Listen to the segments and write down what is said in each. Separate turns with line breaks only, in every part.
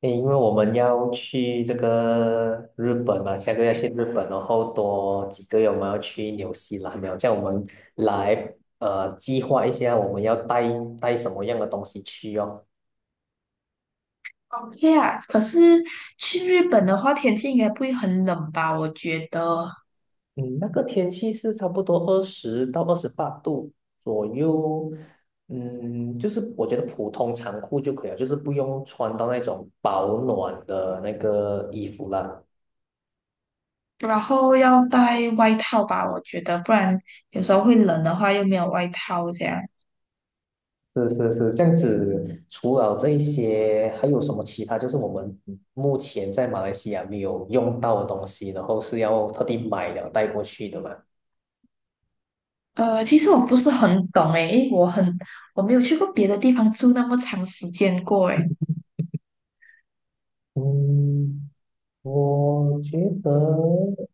诶因为我们要去这个日本嘛，下个月去日本，然后多几个月我们要去纽西兰了，这样我们来计划一下我们要带什么样的东西去哦。
OK 啊，可是去日本的话，天气应该不会很冷吧？我觉得，
嗯，那个天气是差不多20到28度左右，嗯，就是我觉得普通长裤就可以了，就是不用穿到那种保暖的那个衣服啦。
然后要带外套吧，我觉得，不然有时候会冷的话又没有外套这样。
是是是，这样子。除了这一些，还有什么其他？就是我们目前在马来西亚没有用到的东西，然后是要特地买了带过去的嘛？
其实我不是很懂诶，因为我没有去过别的地方住那么长时间过诶。
嗯，我觉得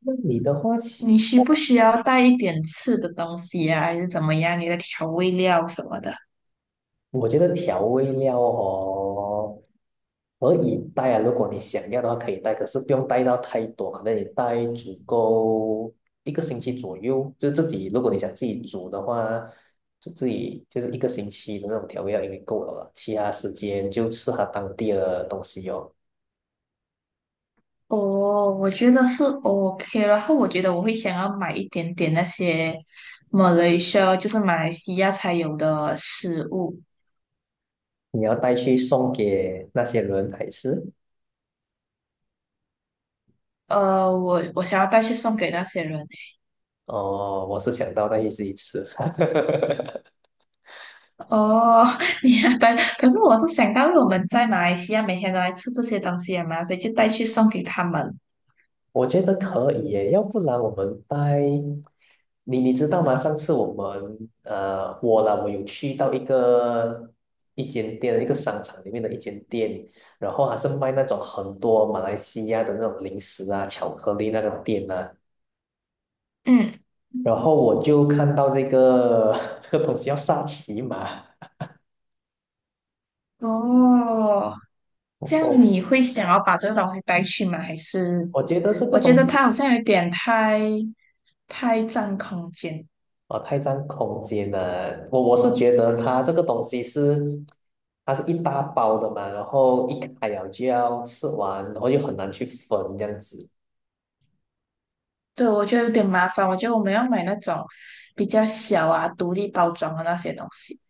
那你的话，
你需不
我。
需要带一点吃的东西呀？还是怎么样？你的调味料什么的？
我觉得调味料哦，可以带啊，如果你想要的话可以带，可是不用带到太多，可能你带足够一个星期左右，就是自己，如果你想自己煮的话，就自己就是一个星期的那种调味料应该够了啦，其他时间就吃它当地的东西哦。
哦，我觉得是 OK,然后我觉得我会想要买一点点那些 Malaysia,就是马来西亚才有的食物。
你要带去送给那些人还是？
我想要带去送给那些人欸
哦，我是想到带去自己吃。
哦，你要带，可是我是想到我们在马来西亚每天都来吃这些东西嘛，所以就带去送给他们。
我觉得可以耶，要不然我们带你，你知道吗？上次我们我啦，我有去到一间店，一个商场里面的一间店，然后还是卖那种很多马来西亚的那种零食啊、巧克力那种店啊，
嗯，
然后我就看到这个 这个东西叫杀琪玛，
哦，这样
我
你会想要把这个东西带去吗？还是
我觉得这个
我觉
东
得
西。
它好像有点太占空间。
哦，太占空间了。我是觉得它这个东西是，它是一大包的嘛，然后一开了就要吃完，然后又很难去分这样子。
对，我觉得有点麻烦。我觉得我们要买那种比较小啊、独立包装的那些东西。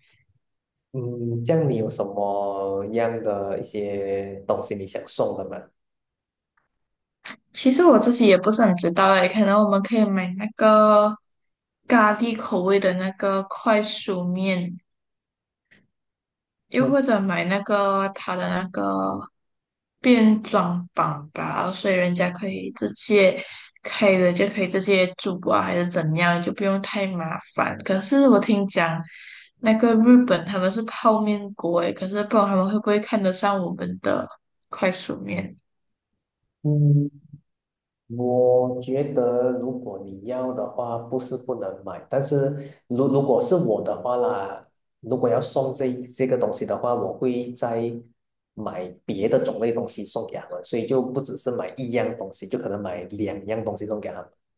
嗯，这样你有什么样的一些东西你想送的吗？
其实我自己也不是很知道诶，可能我们可以买那个咖喱口味的那个快熟面，又或者买那个它的那个变装版吧，所以人家可以直接开了就可以直接煮啊，还是怎样，就不用太麻烦。可是我听讲，那个日本他们是泡面国诶，可是不知道他们会不会看得上我们的快速面。
嗯我觉得，如果你要的话，不是不能买，但是如果是我的话啦，如果要送这个东西的话，我会再买别的种类东西送给他们，所以就不只是买一样东西，就可能买两样东西送给他们。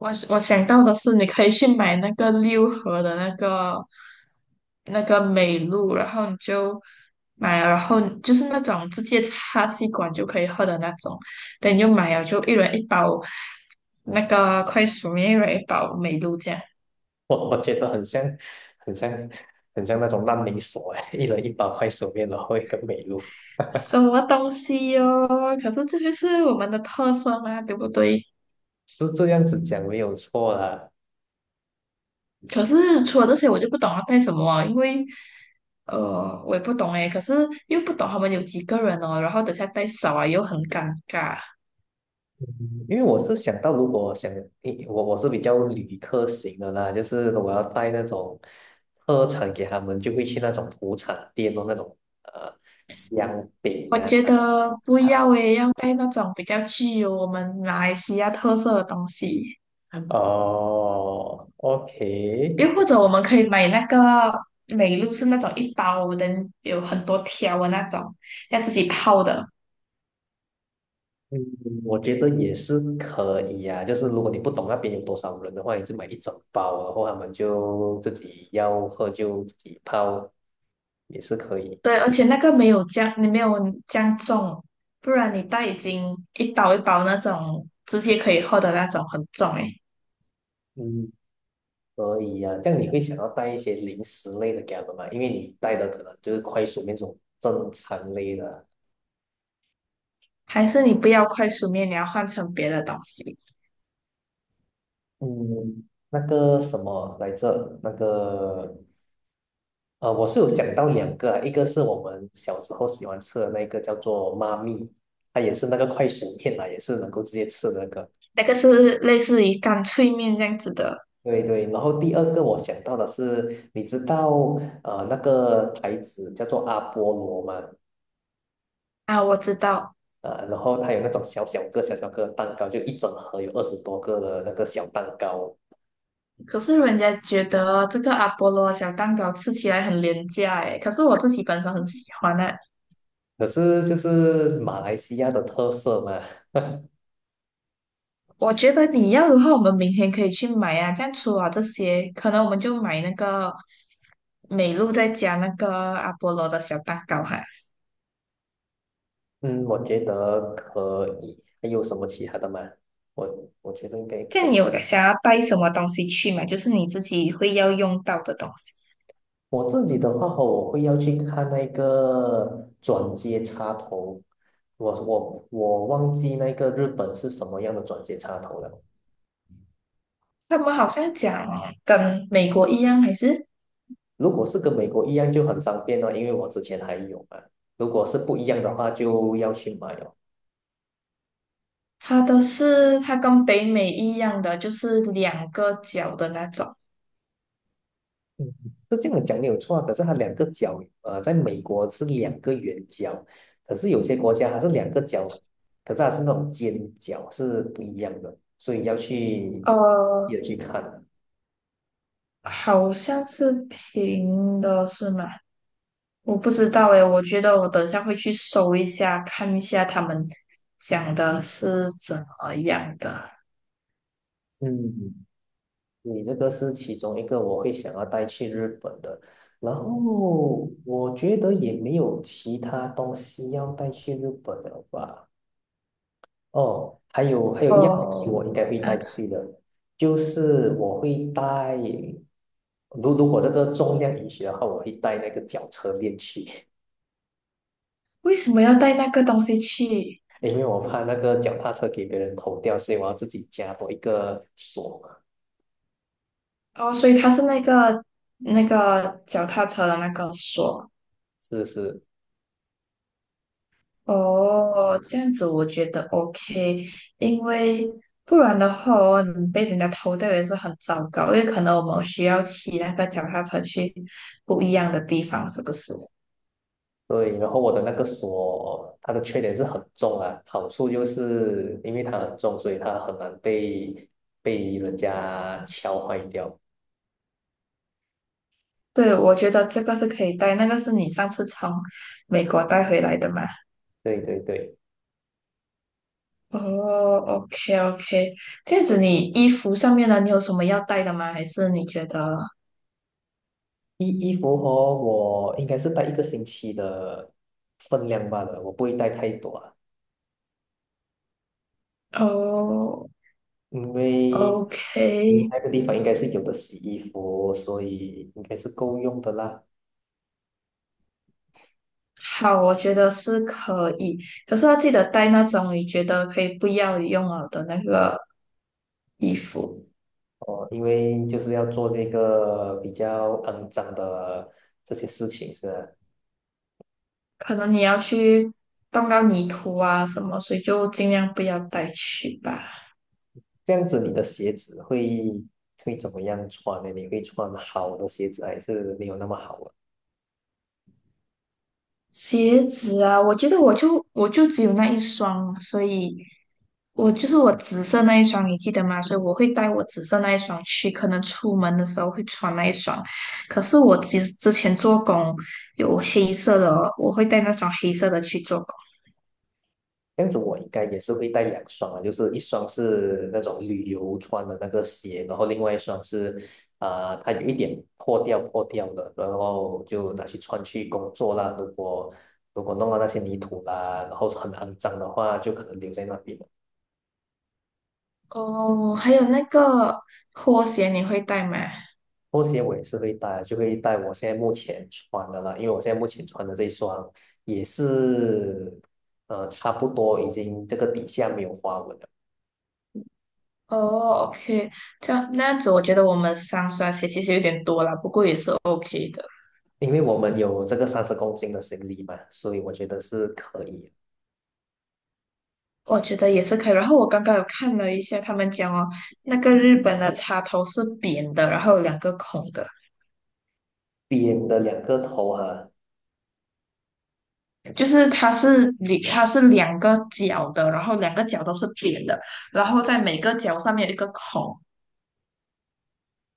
我想到的是，你可以去买那个六合的那个那个美露，然后你就买了然后就是那种直接插吸管就可以喝的那种。等你就买了，就一人一包那个快速面，一人一包美露酱。
我觉得很像，很像，很像那种烂泥所哎，一人一包快手面，然后一个美露，
什么东西哟、可是这就是我们的特色嘛，对不对？
是这样子讲没有错啦。
可是除了这些，我就不懂要带什么啊，因为我也不懂诶，可是又不懂他们有几个人哦，然后等下带少啊又很尴尬。
因为我是想到，如果想，诶我是比较旅客型的啦，就是我要带那种特产给他们，就会去那种土产店哦，那种呃香饼
我
啊。
觉得不要诶，要带那种比较具有我们马来西亚特色的东西，
哦，OK,
又或者我们可以买那个美露，是那种一包的，有很多条的那种，要自己泡的。
嗯，我觉得也是可以啊。就是如果你不懂那边有多少人的话，你就买一整包啊，然后他们就自己要喝就自己泡，也是可以。
对，而且那个没有这样，你没有这样重，不然你带已经一包一包那种直接可以喝的那种很重诶。
嗯，可以呀、啊这样你会想要带一些零食类的给他们吗？因为你带的可能就是快速面这种正餐类的。
还是你不要快速面，你要换成别的东西，
嗯，那个什么来着？那个我是有想到两个啊，一个是我们小时候喜欢吃的那个叫做妈咪，它也是那个快熟面啦，也是能够直接吃的那个。
那个是类似于干脆面这样子的
对对，然后第二个我想到的是，你知道那个牌子叫做阿波罗吗？
啊，我知道。
啊，然后它有那种小小个、小小个的蛋糕，就一整盒有20多个的那个小蛋糕。
可是人家觉得这个阿波罗小蛋糕吃起来很廉价诶，可是我自己本身很喜欢呢、
可是就是马来西亚的特色嘛，
我觉得你要的话，我们明天可以去买啊。这样除了这些，可能我们就买那个美露，再加那个阿波罗的小蛋糕哈。
嗯，我觉得可以。还有什么其他的吗？我觉得应该
这
可
样
以。
你有想要带什么东西去吗？就是你自己会要用到的东西。
我自己的话哦我会要去看那个转接插头。我忘记那个日本是什么样的转接插头了。
他们好像讲跟美国一样，还是
如果是跟美国一样就很方便哦，因为我之前还有嘛。如果是不一样的话，就要去买哦。
它的是它跟北美一样的，就是两个角的那种。
嗯，是这样讲没有错啊，可是它两个角，在美国是两个圆角，可是有些国家它是两个角，可是它是那种尖角，是不一样的，所以要去
呃，
也去看。
好像是平的，是吗？我不知道诶，我觉得我等下会去搜一下，看一下他们讲的是怎么样的。
嗯，你这个是其中一个我会想要带去日本的，然后我觉得也没有其他东西要带去日本了吧。哦，还有一样东西
哦，
我应该会
啊，
带出去的，就是我会带，如果这个重量允许的话，我会带那个脚车链去，
为什么要带那个东西去？
因为我怕那个脚踏车给别人偷掉，所以我要自己加多一个锁。
哦，所以它是那个脚踏车的那个锁。
是是，
哦，这样子我觉得 OK,因为不然的话哦，你被人家偷掉也是很糟糕，因为可能我们需要骑那个脚踏车去不一样的地方，是不是？
对。然后我的那个锁，它的缺点是很重啊，好处就是因为它很重，所以它很难被人家敲坏掉。
对，我觉得这个是可以带，那个是你上次从美国带回来的嘛？
对对对。
哦，OK OK,这样子你衣服上面的你有什么要带的吗？还是你觉得？
衣服和我应该是带一个星期的分量罢了，我不会带太多啊，
哦
因为
，OK,
那个地方应该是有的洗衣服，所以应该是够用的啦。
好，我觉得是可以，可是要记得带那种你觉得可以不要用了的那个衣服，
哦，因为就是要做这个比较肮脏的这些事情，是吧。
可能你要去动到泥土啊什么，所以就尽量不要带去吧。
这样子，你的鞋子会怎么样穿呢？你会穿好的鞋子还是没有那么好啊。
鞋子啊，我觉得我就只有那一双所以我就是我紫色那一双，你记得吗？所以我会带我紫色那一双去，可能出门的时候会穿那一双。可是我之前做工有黑色的哦，我会带那双黑色的去做工。
这样子我应该也是会带两双啊，就是一双是那种旅游穿的那个鞋，然后另外一双是，啊、它有一点破掉破掉的，然后就拿去穿去工作啦。如果弄到那些泥土啦，然后很肮脏的话，就可能留在那边了。
哦，还有那个拖鞋你会带吗？
拖鞋我也是会带，就会带我现在目前穿的啦，因为我现在目前穿的这一双也是，差不多已经这个底下没有花纹了。
哦，OK,这样那样子，我觉得我们三双鞋其实有点多了，不过也是 OK 的。
因为我们有这个30公斤的行李嘛，所以我觉得是可以。
我觉得也是可以。然后我刚刚有看了一下，他们讲哦，那个日本的插头是扁的，然后有两个孔的，
扁的两个头啊，
就是它是两个角的，然后两个角都是扁的，然后在每个角上面有一个孔。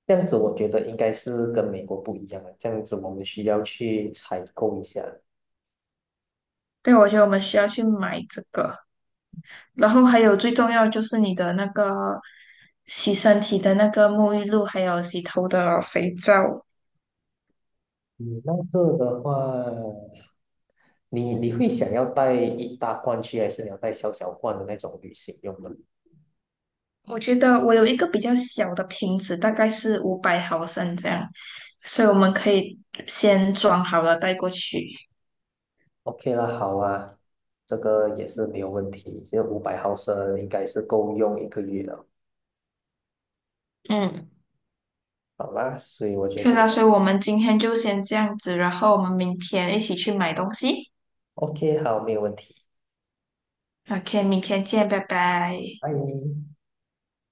这样子我觉得应该是跟美国不一样啊，这样子我们需要去采购一下。
对，我觉得我们需要去买这个。然后还有最重要就是你的那个洗身体的那个沐浴露，还有洗头的肥皂。
你那个的话，你会想要带一大罐去，还是你要带小小罐的那种旅行用的
我觉得我有一个比较小的瓶子，大概是500毫升这样，所以我们可以先装好了带过去。
？OK 啦，好啊，这个也是没有问题，这500毫升应该是够用一个月的，
嗯，
好啦，所以我觉
可以
得
啦，所以我们今天就先这样子，然后我们明天一起去买东西。
OK,好，没有问题，
OK,明天见，拜拜。
拜。